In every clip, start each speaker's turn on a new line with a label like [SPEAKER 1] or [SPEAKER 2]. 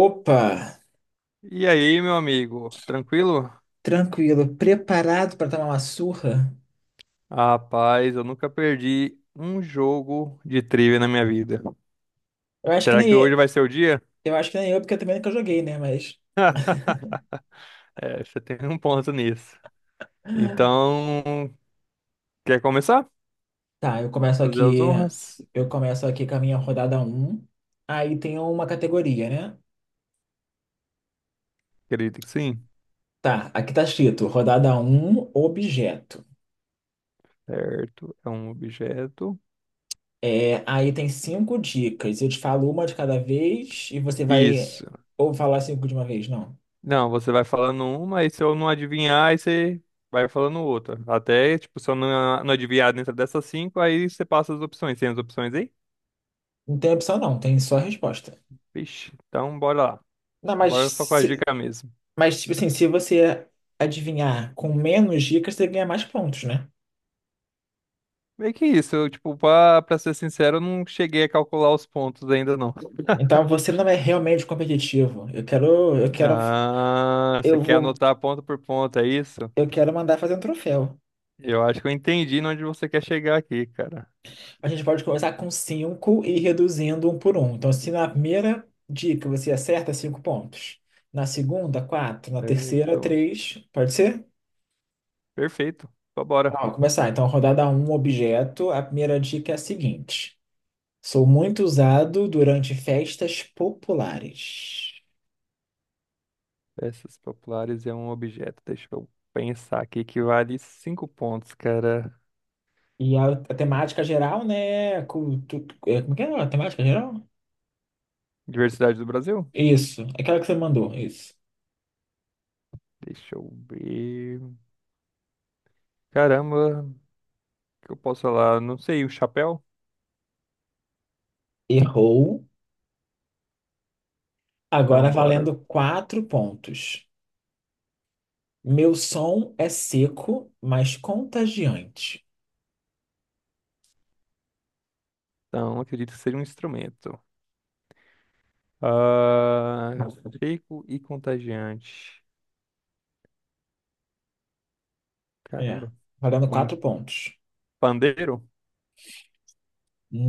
[SPEAKER 1] Opa,
[SPEAKER 2] E aí, meu amigo, tranquilo?
[SPEAKER 1] tranquilo, preparado para tomar uma surra?
[SPEAKER 2] Rapaz, eu nunca perdi um jogo de trivia na minha vida.
[SPEAKER 1] Eu acho que
[SPEAKER 2] Será que hoje
[SPEAKER 1] nem
[SPEAKER 2] vai ser o dia?
[SPEAKER 1] eu acho que nem eu, porque eu também nunca joguei, né? Mas
[SPEAKER 2] É, você tem um ponto nisso. Então, quer começar?
[SPEAKER 1] tá,
[SPEAKER 2] Fazer as honras?
[SPEAKER 1] eu começo aqui com a minha rodada um. Aí tem uma categoria, né?
[SPEAKER 2] Acredito que sim.
[SPEAKER 1] Tá, aqui tá escrito rodada um objeto.
[SPEAKER 2] Certo, é um objeto.
[SPEAKER 1] É, aí tem cinco dicas. Eu te falo uma de cada vez e você vai
[SPEAKER 2] Isso.
[SPEAKER 1] ou falar cinco de uma vez, não.
[SPEAKER 2] Não, você vai falando uma, e se eu não adivinhar, aí você vai falando outra. Até, tipo, se eu não adivinhar dentro dessas cinco, aí você passa as opções. Tem as opções aí?
[SPEAKER 1] Não tem opção não, tem só resposta.
[SPEAKER 2] Vixe, então bora lá.
[SPEAKER 1] Não,
[SPEAKER 2] Bora só com
[SPEAKER 1] mas
[SPEAKER 2] a dica mesmo.
[SPEAKER 1] Mas, tipo assim, se você adivinhar com menos dicas, você ganha mais pontos, né?
[SPEAKER 2] Meio que isso, eu, tipo, pra ser sincero, eu não cheguei a calcular os pontos ainda, não.
[SPEAKER 1] Então você não é realmente competitivo.
[SPEAKER 2] Ah, você
[SPEAKER 1] Eu
[SPEAKER 2] quer
[SPEAKER 1] vou,
[SPEAKER 2] anotar ponto por ponto, é isso?
[SPEAKER 1] eu quero mandar fazer um troféu.
[SPEAKER 2] Eu acho que eu entendi onde você quer chegar aqui, cara.
[SPEAKER 1] A gente pode começar com cinco e ir reduzindo um por um. Então, se na primeira dica você acerta, cinco pontos. Na segunda, quatro. Na terceira,
[SPEAKER 2] Certo.
[SPEAKER 1] três. Pode ser?
[SPEAKER 2] Perfeito. Então, bora.
[SPEAKER 1] Tá, vou começar. Então, rodada um, objeto. A primeira dica é a seguinte: sou muito usado durante festas populares.
[SPEAKER 2] Peças populares é um objeto. Deixa eu pensar aqui que vale cinco pontos, cara.
[SPEAKER 1] E a temática geral, né? Como é que é a temática geral?
[SPEAKER 2] Diversidade do Brasil?
[SPEAKER 1] Isso, aquela que você mandou, isso.
[SPEAKER 2] Deixa eu ver. Caramba, o que eu posso falar? Não sei, o chapéu?
[SPEAKER 1] Errou. Agora
[SPEAKER 2] Então, bora.
[SPEAKER 1] valendo quatro pontos. Meu som é seco, mas contagiante.
[SPEAKER 2] Então, acredito que seja um instrumento. Ah, seco e contagiante.
[SPEAKER 1] É,
[SPEAKER 2] Caramba.
[SPEAKER 1] valendo
[SPEAKER 2] Um
[SPEAKER 1] quatro pontos.
[SPEAKER 2] pandeiro?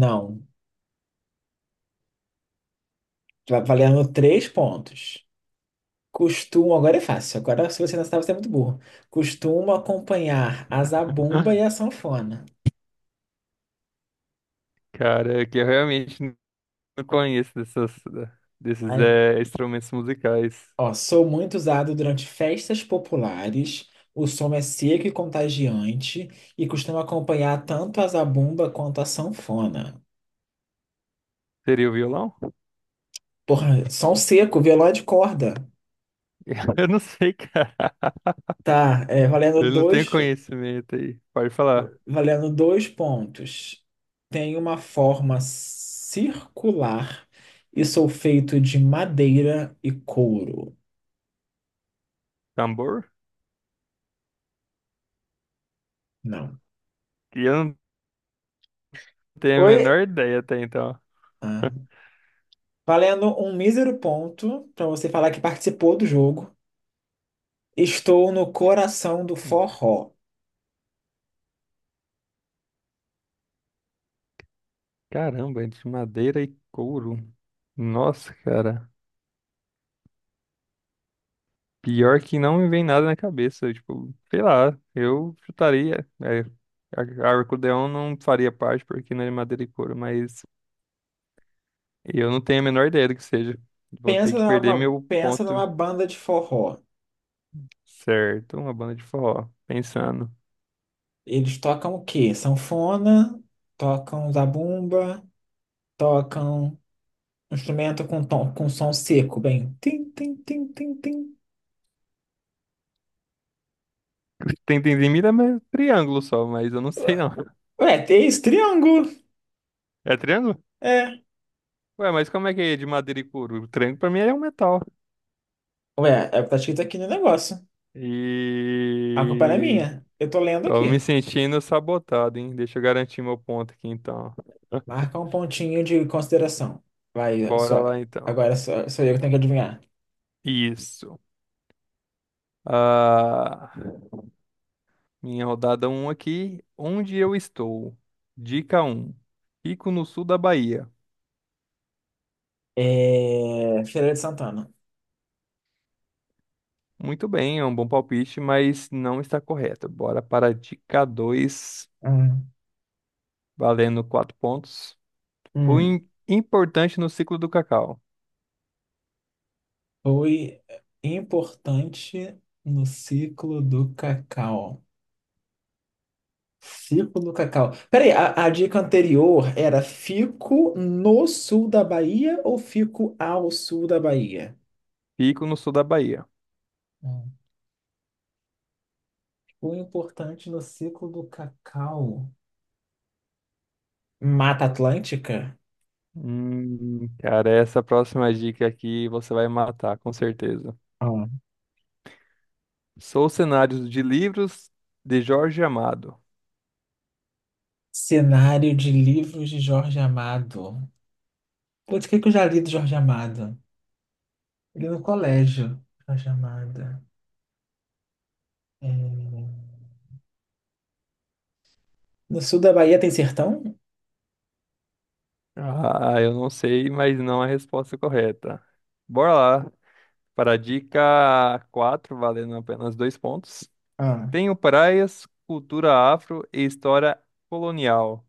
[SPEAKER 1] Não, valendo três pontos. Agora é fácil. Agora, se você não sabe, você é muito burro. Costumo acompanhar a zabumba e a sanfona.
[SPEAKER 2] Cara, é que eu realmente não conheço dessas, desses instrumentos musicais.
[SPEAKER 1] Ó, sou muito usado durante festas populares. O som é seco e contagiante e costuma acompanhar tanto a zabumba quanto a sanfona.
[SPEAKER 2] Seria o violão?
[SPEAKER 1] Porra, som seco, violão de corda.
[SPEAKER 2] Eu não sei, cara.
[SPEAKER 1] Tá,
[SPEAKER 2] Eu não tenho conhecimento aí. Pode falar.
[SPEAKER 1] valendo dois pontos. Tem uma forma circular e sou feito de madeira e couro.
[SPEAKER 2] Tambor?
[SPEAKER 1] Não.
[SPEAKER 2] Que eu não tenho a menor
[SPEAKER 1] Oi.
[SPEAKER 2] ideia até então.
[SPEAKER 1] Ah, valendo um mísero ponto para você falar que participou do jogo. Estou no coração do forró.
[SPEAKER 2] Caramba, é de madeira e couro. Nossa, cara. Pior que não me vem nada na cabeça. Tipo, sei lá, eu chutaria. É, a Arcodeon não faria parte porque não é de madeira e couro, mas eu não tenho a menor ideia do que seja. Vou ter
[SPEAKER 1] Pensa
[SPEAKER 2] que perder
[SPEAKER 1] numa,
[SPEAKER 2] meu
[SPEAKER 1] pensa
[SPEAKER 2] ponto
[SPEAKER 1] numa banda de forró.
[SPEAKER 2] certo. Uma banda de forró. Pensando.
[SPEAKER 1] Eles tocam o quê? Sanfona, tocam zabumba, tocam um instrumento com som seco, bem. Tim, tim, tim, tim, tim.
[SPEAKER 2] Tem Tentendimida é triângulo só, mas eu não sei não.
[SPEAKER 1] Ué, tem esse triângulo.
[SPEAKER 2] É triângulo?
[SPEAKER 1] É.
[SPEAKER 2] Ué, mas como é que é de madeira e couro? O triângulo pra mim é um metal.
[SPEAKER 1] Ué, tá escrito aqui no negócio. A culpa não é
[SPEAKER 2] E.
[SPEAKER 1] minha. Eu tô lendo
[SPEAKER 2] Tô me
[SPEAKER 1] aqui.
[SPEAKER 2] sentindo sabotado, hein? Deixa eu garantir meu ponto aqui então.
[SPEAKER 1] Marca um pontinho de consideração. Vai,
[SPEAKER 2] Bora
[SPEAKER 1] só,
[SPEAKER 2] lá então.
[SPEAKER 1] agora só eu que tenho que adivinhar.
[SPEAKER 2] Isso. Ah, minha rodada um aqui. Onde eu estou? Dica um. Fico no sul da Bahia.
[SPEAKER 1] Feira de Santana.
[SPEAKER 2] Muito bem, é um bom palpite, mas não está correto. Bora para a dica 2.
[SPEAKER 1] Hum.
[SPEAKER 2] Valendo 4 pontos. Fui
[SPEAKER 1] Hum.
[SPEAKER 2] im- importante no ciclo do cacau.
[SPEAKER 1] Foi importante no ciclo do cacau. Ciclo do cacau. Peraí, a dica anterior era fico no sul da Bahia ou fico ao sul da Bahia?
[SPEAKER 2] Fico no sul da Bahia.
[SPEAKER 1] Hum. O importante no ciclo do cacau. Mata Atlântica?
[SPEAKER 2] Cara, essa próxima dica aqui você vai matar, com certeza.
[SPEAKER 1] Ah.
[SPEAKER 2] Sou cenários de livros de Jorge Amado.
[SPEAKER 1] Cenário de livros de Jorge Amado. Putz, o que que eu já li do Jorge Amado? Li no colégio, Jorge Amado. É... No sul da Bahia tem sertão?
[SPEAKER 2] Ah, eu não sei, mas não é a resposta correta. Bora lá. Para a dica 4, valendo apenas dois pontos.
[SPEAKER 1] Ah, né?
[SPEAKER 2] Tenho praias, cultura afro e história colonial.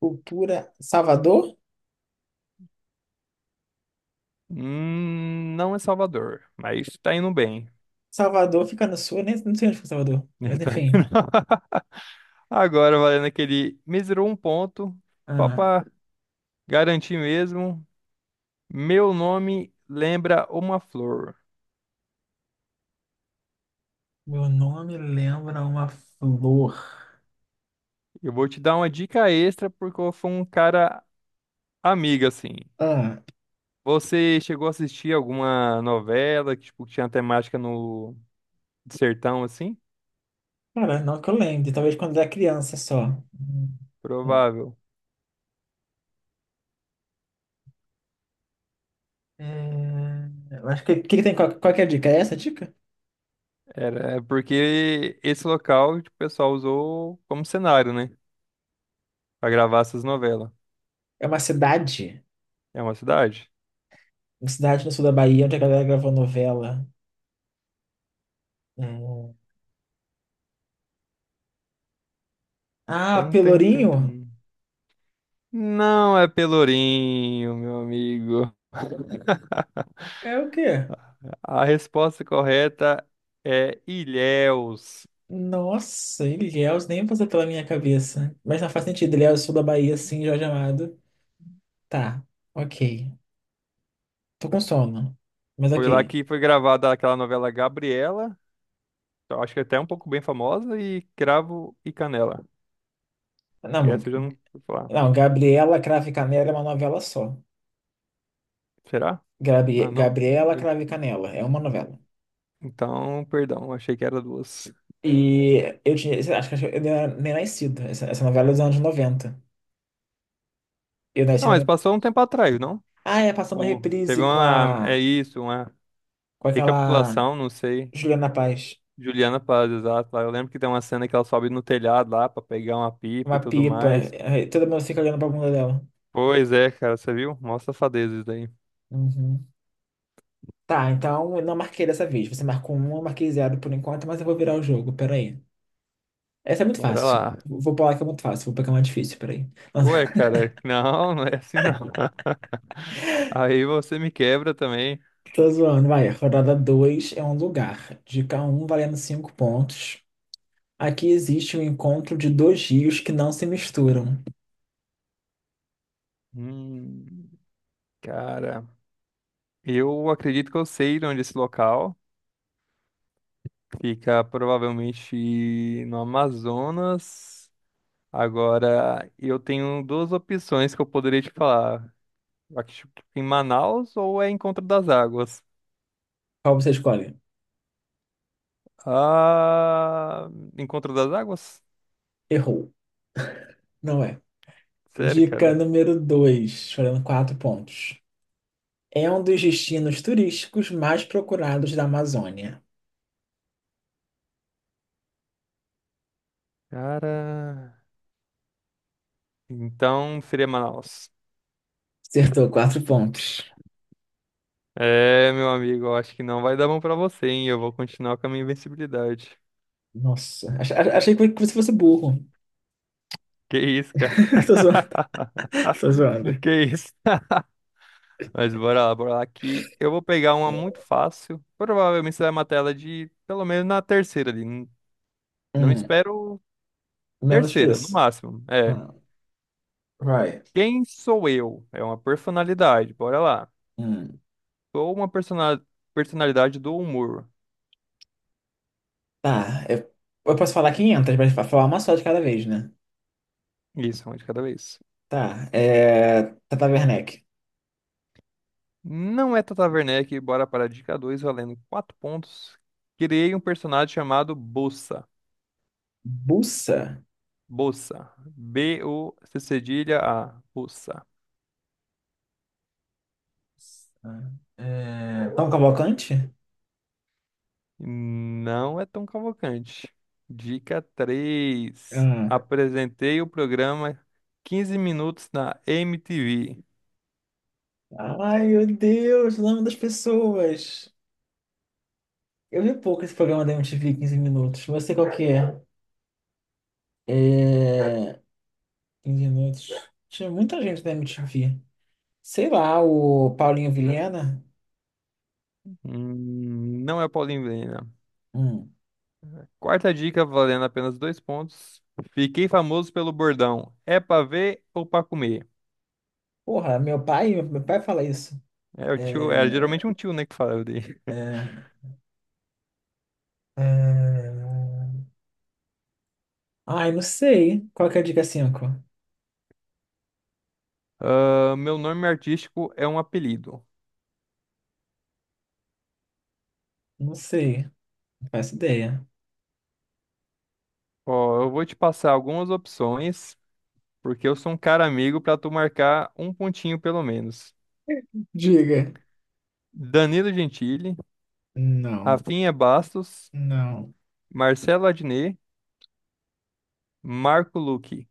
[SPEAKER 1] cultura Salvador?
[SPEAKER 2] Não é Salvador, mas tá indo bem.
[SPEAKER 1] Salvador fica no sul, eu nem não sei onde fica Salvador, mas
[SPEAKER 2] Tá
[SPEAKER 1] enfim.
[SPEAKER 2] indo- Agora, valendo aquele mísero um ponto, só
[SPEAKER 1] Ah,
[SPEAKER 2] pra garantir mesmo. Meu nome lembra uma flor.
[SPEAKER 1] meu nome lembra uma flor.
[SPEAKER 2] Eu vou te dar uma dica extra porque eu fui um cara amigo, assim.
[SPEAKER 1] Ah,
[SPEAKER 2] Você chegou a assistir alguma novela que, tipo, que tinha temática no de sertão, assim?
[SPEAKER 1] cara, não que eu lembre, talvez quando eu era criança só. Hum,
[SPEAKER 2] Provável.
[SPEAKER 1] é, eu acho que o que, que tem? Qual que é a dica? É essa a dica?
[SPEAKER 2] Era é porque esse local, tipo, o pessoal usou como cenário, né? Pra gravar essas novelas.
[SPEAKER 1] É uma cidade,
[SPEAKER 2] É uma cidade?
[SPEAKER 1] no sul da Bahia onde a galera gravou novela. É, Ah,
[SPEAKER 2] Tum, tum, tum, tum.
[SPEAKER 1] Pelourinho?
[SPEAKER 2] Não é Pelourinho, meu amigo.
[SPEAKER 1] É o quê?
[SPEAKER 2] A resposta correta é Ilhéus.
[SPEAKER 1] Nossa, Ilhéus nem passa pela minha cabeça. Mas não faz sentido, Ilhéus, sul da Bahia, sim, Jorge Amado. Tá, ok. Tô com sono, mas
[SPEAKER 2] Foi lá
[SPEAKER 1] ok.
[SPEAKER 2] que foi gravada aquela novela Gabriela, eu acho que é até um pouco bem famosa, e Cravo e Canela. E
[SPEAKER 1] Não,
[SPEAKER 2] essa eu já não vou falar.
[SPEAKER 1] não, Gabriela Cravo e Canela é uma novela só.
[SPEAKER 2] Será? Ah, não.
[SPEAKER 1] Gabriela
[SPEAKER 2] Eu-
[SPEAKER 1] Cravo e Canela é uma novela.
[SPEAKER 2] Então, perdão, achei que era duas.
[SPEAKER 1] E eu tinha, acho que eu nem nem nascido. Essa novela é dos anos 90. Eu nasci
[SPEAKER 2] Ah,
[SPEAKER 1] na...
[SPEAKER 2] mas passou um tempo atrás, não?
[SPEAKER 1] Ah, passou uma
[SPEAKER 2] Ou teve
[SPEAKER 1] reprise com
[SPEAKER 2] uma. É
[SPEAKER 1] a...
[SPEAKER 2] isso, uma
[SPEAKER 1] com aquela
[SPEAKER 2] recapitulação, não sei.
[SPEAKER 1] Juliana Paz.
[SPEAKER 2] Juliana Paz, exato. Lá. Eu lembro que tem uma cena que ela sobe no telhado lá pra pegar uma pipa e
[SPEAKER 1] Uma
[SPEAKER 2] tudo
[SPEAKER 1] pipa.
[SPEAKER 2] mais.
[SPEAKER 1] Aí todo mundo fica olhando pra bunda dela.
[SPEAKER 2] Pois é, cara, você viu? Mostra safadeza isso daí.
[SPEAKER 1] Uhum. Tá, então eu não marquei dessa vez. Você marcou uma, eu marquei zero por enquanto, mas eu vou virar o jogo, peraí. Essa é muito
[SPEAKER 2] Bora
[SPEAKER 1] fácil.
[SPEAKER 2] lá.
[SPEAKER 1] Vou pular que é muito fácil, vou pegar uma difícil, peraí.
[SPEAKER 2] Ué, cara, não, não é assim não. Aí você me quebra também.
[SPEAKER 1] Tô zoando, vai. Rodada 2 é um lugar. Dica um valendo 5 pontos. Aqui existe um encontro de dois rios que não se misturam.
[SPEAKER 2] Hum, cara, eu acredito que eu sei de onde é esse local. Fica provavelmente no Amazonas. Agora, eu tenho duas opções que eu poderia te falar. Aqui em Manaus ou é Encontro das Águas?
[SPEAKER 1] Qual você escolhe?
[SPEAKER 2] Ah, Encontro das Águas?
[SPEAKER 1] Errou. Não é.
[SPEAKER 2] Sério,
[SPEAKER 1] Dica
[SPEAKER 2] cara?
[SPEAKER 1] número 2 valendo 4 pontos. É um dos destinos turísticos mais procurados da Amazônia.
[SPEAKER 2] Cara, então seria Manaus.
[SPEAKER 1] Acertou quatro pontos.
[SPEAKER 2] É, meu amigo, eu acho que não vai dar bom pra você, hein? Eu vou continuar com a minha invencibilidade.
[SPEAKER 1] Nossa, achei que você fosse burro.
[SPEAKER 2] Que isso, cara?
[SPEAKER 1] Tô zoando. Tô zoando.
[SPEAKER 2] Que isso? Mas bora lá que eu vou pegar uma muito fácil. Provavelmente você vai matar ela de pelo menos na terceira ali. Não
[SPEAKER 1] Hum,
[SPEAKER 2] espero
[SPEAKER 1] menos que
[SPEAKER 2] terceira, no
[SPEAKER 1] isso.
[SPEAKER 2] máximo. É.
[SPEAKER 1] Hum, vai.
[SPEAKER 2] Quem sou eu? É uma personalidade. Bora lá.
[SPEAKER 1] Hum,
[SPEAKER 2] Sou uma personalidade do humor.
[SPEAKER 1] tá, eu posso falar 500, mas falar uma só de cada vez, né?
[SPEAKER 2] Isso, uma de cada vez.
[SPEAKER 1] Tá, Tata Werneck.
[SPEAKER 2] Não é Tata Werneck, bora para a dica 2 valendo 4 pontos. Criei um personagem chamado Bossa.
[SPEAKER 1] Bussa?
[SPEAKER 2] Bossa. B o c c a Bossa.
[SPEAKER 1] Ah, Tom Cavalcante?
[SPEAKER 2] Não é tão Cavalcante. Dica três:
[SPEAKER 1] Hum.
[SPEAKER 2] apresentei o programa 15 minutos na MTV.
[SPEAKER 1] Ai, meu Deus, o nome das pessoas. Eu vi pouco esse programa da MTV 15 minutos. Eu sei qual que é. É. 15 minutos. Tinha muita gente na MTV. Sei lá, o Paulinho Vilhena.
[SPEAKER 2] Não é Paulinho Vieira.
[SPEAKER 1] Hum.
[SPEAKER 2] Quarta dica, valendo apenas dois pontos. Fiquei famoso pelo bordão. É pra ver ou pra comer?
[SPEAKER 1] Porra, meu pai fala isso.
[SPEAKER 2] É o tio, é geralmente um
[SPEAKER 1] É.
[SPEAKER 2] tio, né, que fala dele.
[SPEAKER 1] É. é... Ai, não sei. Qual que é a dica cinco?
[SPEAKER 2] Ah, meu nome artístico é um apelido.
[SPEAKER 1] Não sei. Não faço ideia.
[SPEAKER 2] Ó, eu vou te passar algumas opções, porque eu sou um cara amigo pra tu marcar um pontinho pelo menos.
[SPEAKER 1] Diga.
[SPEAKER 2] Danilo Gentili,
[SPEAKER 1] Não.
[SPEAKER 2] Rafinha Bastos,
[SPEAKER 1] Não.
[SPEAKER 2] Marcelo Adnet, Marco Luque.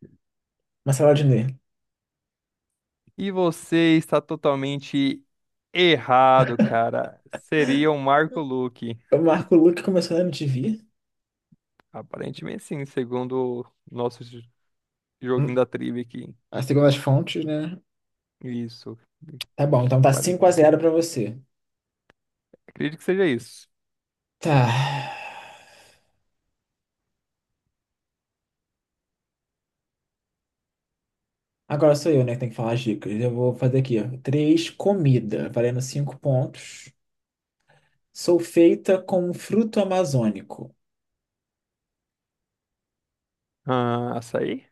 [SPEAKER 1] Marcelo Adnet.
[SPEAKER 2] E você está totalmente errado, cara. Seria o Marco Luque.
[SPEAKER 1] O Marco Luque começou na MTV?
[SPEAKER 2] Aparentemente sim, segundo o nosso joguinho
[SPEAKER 1] Hum.
[SPEAKER 2] da trivia aqui.
[SPEAKER 1] Ah, segundo as fontes, né?
[SPEAKER 2] Isso.
[SPEAKER 1] Tá bom, então tá 5
[SPEAKER 2] Pare-
[SPEAKER 1] a zero pra você.
[SPEAKER 2] Acredito que seja isso.
[SPEAKER 1] Tá. Agora sou eu, né, que tem que falar as dicas. Eu vou fazer aqui, ó. Três comida, valendo cinco pontos. Sou feita com um fruto amazônico.
[SPEAKER 2] Ah, açaí?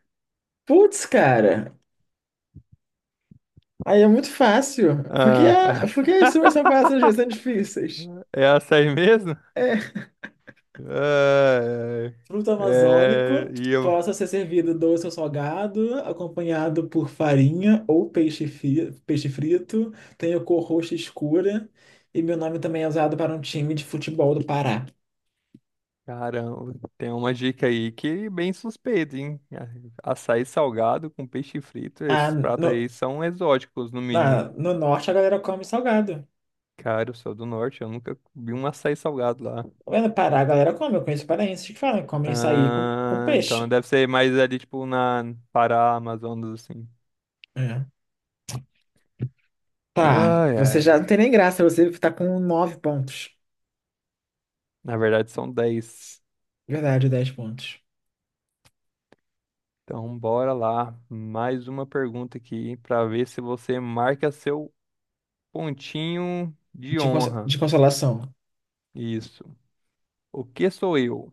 [SPEAKER 1] Putz, cara. Aí é muito fácil. Porque,
[SPEAKER 2] Ah,
[SPEAKER 1] a, porque
[SPEAKER 2] essa...
[SPEAKER 1] as suas são fáceis, as minhas são difíceis.
[SPEAKER 2] é açaí mesmo?
[SPEAKER 1] É.
[SPEAKER 2] Ah,
[SPEAKER 1] Fruto
[SPEAKER 2] é. É,
[SPEAKER 1] amazônico
[SPEAKER 2] E eu
[SPEAKER 1] possa ser servido doce ou salgado, acompanhado por farinha ou peixe, peixe frito. Tenho cor roxa escura. E meu nome também é usado para um time de futebol do Pará.
[SPEAKER 2] Caramba, tem uma dica aí que é bem suspeita, hein? A- Açaí salgado com peixe frito,
[SPEAKER 1] Ah,
[SPEAKER 2] esses pratos
[SPEAKER 1] no-
[SPEAKER 2] aí são exóticos, no mínimo.
[SPEAKER 1] No norte a galera come salgado.
[SPEAKER 2] Cara, eu sou do norte, eu nunca vi um açaí salgado lá.
[SPEAKER 1] Lá no Pará a galera come, eu conheço paraenses que falam, comem açaí com,
[SPEAKER 2] Ah, então
[SPEAKER 1] peixe.
[SPEAKER 2] deve ser mais ali, tipo, na Pará, Amazonas, assim.
[SPEAKER 1] É. Tá,
[SPEAKER 2] Ai,
[SPEAKER 1] você
[SPEAKER 2] ai.
[SPEAKER 1] já não tem nem graça, você tá com nove pontos.
[SPEAKER 2] Na verdade, são 10.
[SPEAKER 1] Verdade, 10 pontos.
[SPEAKER 2] Então, bora lá. Mais uma pergunta aqui pra ver se você marca seu pontinho de
[SPEAKER 1] De, conso-
[SPEAKER 2] honra.
[SPEAKER 1] de consolação.
[SPEAKER 2] Isso. O que sou eu?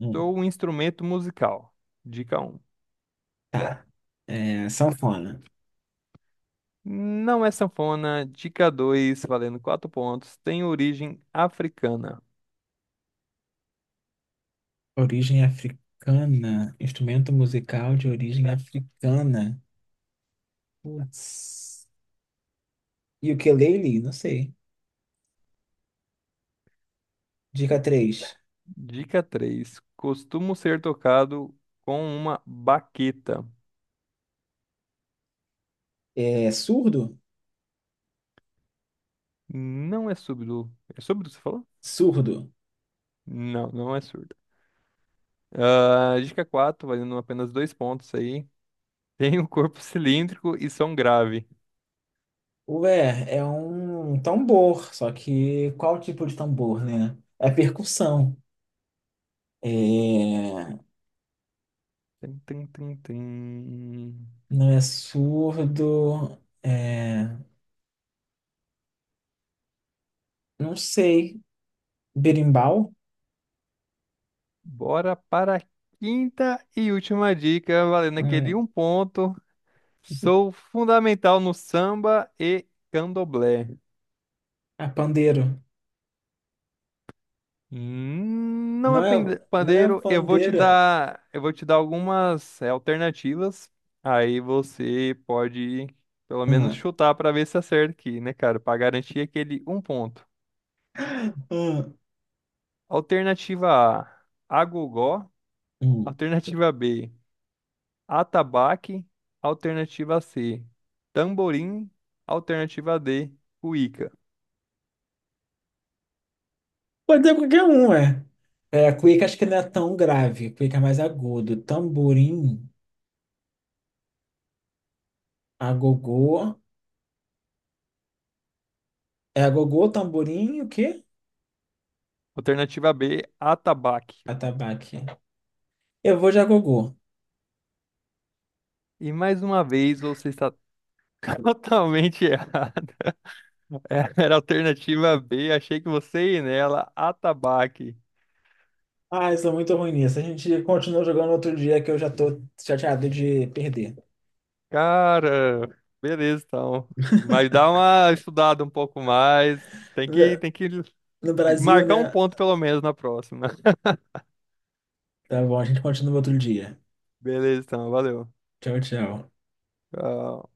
[SPEAKER 1] Hum.
[SPEAKER 2] Sou um instrumento musical. Dica um.
[SPEAKER 1] É, sanfona.
[SPEAKER 2] Não é sanfona. Dica 2, valendo 4 pontos. Tem origem africana.
[SPEAKER 1] Origem africana. Instrumento musical de origem africana. Putz. E o ukulele? Não sei. Dica três.
[SPEAKER 2] Dica três. Costumo ser tocado com uma baqueta.
[SPEAKER 1] É surdo?
[SPEAKER 2] Não é surdo. É surdo, você falou?
[SPEAKER 1] Surdo.
[SPEAKER 2] Não, não é surdo. Ah, dica 4, valendo apenas 2 pontos aí. Tem um corpo cilíndrico e som grave.
[SPEAKER 1] Ué, é um tambor, só que qual tipo de tambor, né? É percussão. É...
[SPEAKER 2] Tum, tum, tum, tum.
[SPEAKER 1] Não é surdo. Não sei. Berimbau?
[SPEAKER 2] Bora para a quinta e última dica, valendo aquele
[SPEAKER 1] Hum,
[SPEAKER 2] um ponto. Sou fundamental no samba e candomblé.
[SPEAKER 1] é pandeiro.
[SPEAKER 2] Não é
[SPEAKER 1] Não é, não é
[SPEAKER 2] pandeiro, eu vou te
[SPEAKER 1] pandeira.
[SPEAKER 2] dar, eu vou te dar algumas alternativas. Aí você pode pelo menos
[SPEAKER 1] Hum,
[SPEAKER 2] chutar para ver se acerta aqui, né, cara? Para garantir aquele um ponto.
[SPEAKER 1] hum,
[SPEAKER 2] Alternativa A, agogó.
[SPEAKER 1] hum.
[SPEAKER 2] Alternativa B, atabaque. Alternativa C, tamborim. Alternativa D, cuíca.
[SPEAKER 1] Pode ser qualquer um, é. É, cuíca acho que não é tão grave. Cuíca é mais agudo. Tamborim, agogô. É agogô, tamborim e o quê?
[SPEAKER 2] Alternativa B, atabaque.
[SPEAKER 1] Atabaque. Eu vou de agogô.
[SPEAKER 2] E mais uma vez você está totalmente errado. É, era a alternativa B, achei que você ia nela, atabaque.
[SPEAKER 1] Ah, isso é muito ruim nisso. A gente continua jogando outro dia que eu já tô chateado de perder.
[SPEAKER 2] Cara, beleza então. Mas dá uma estudada um pouco mais. Tem que,
[SPEAKER 1] No
[SPEAKER 2] tem que
[SPEAKER 1] no Brasil,
[SPEAKER 2] marcar um
[SPEAKER 1] né?
[SPEAKER 2] ponto pelo menos na próxima.
[SPEAKER 1] Tá bom, a gente continua outro dia.
[SPEAKER 2] Beleza então, valeu.
[SPEAKER 1] Tchau, tchau.
[SPEAKER 2] Tchau.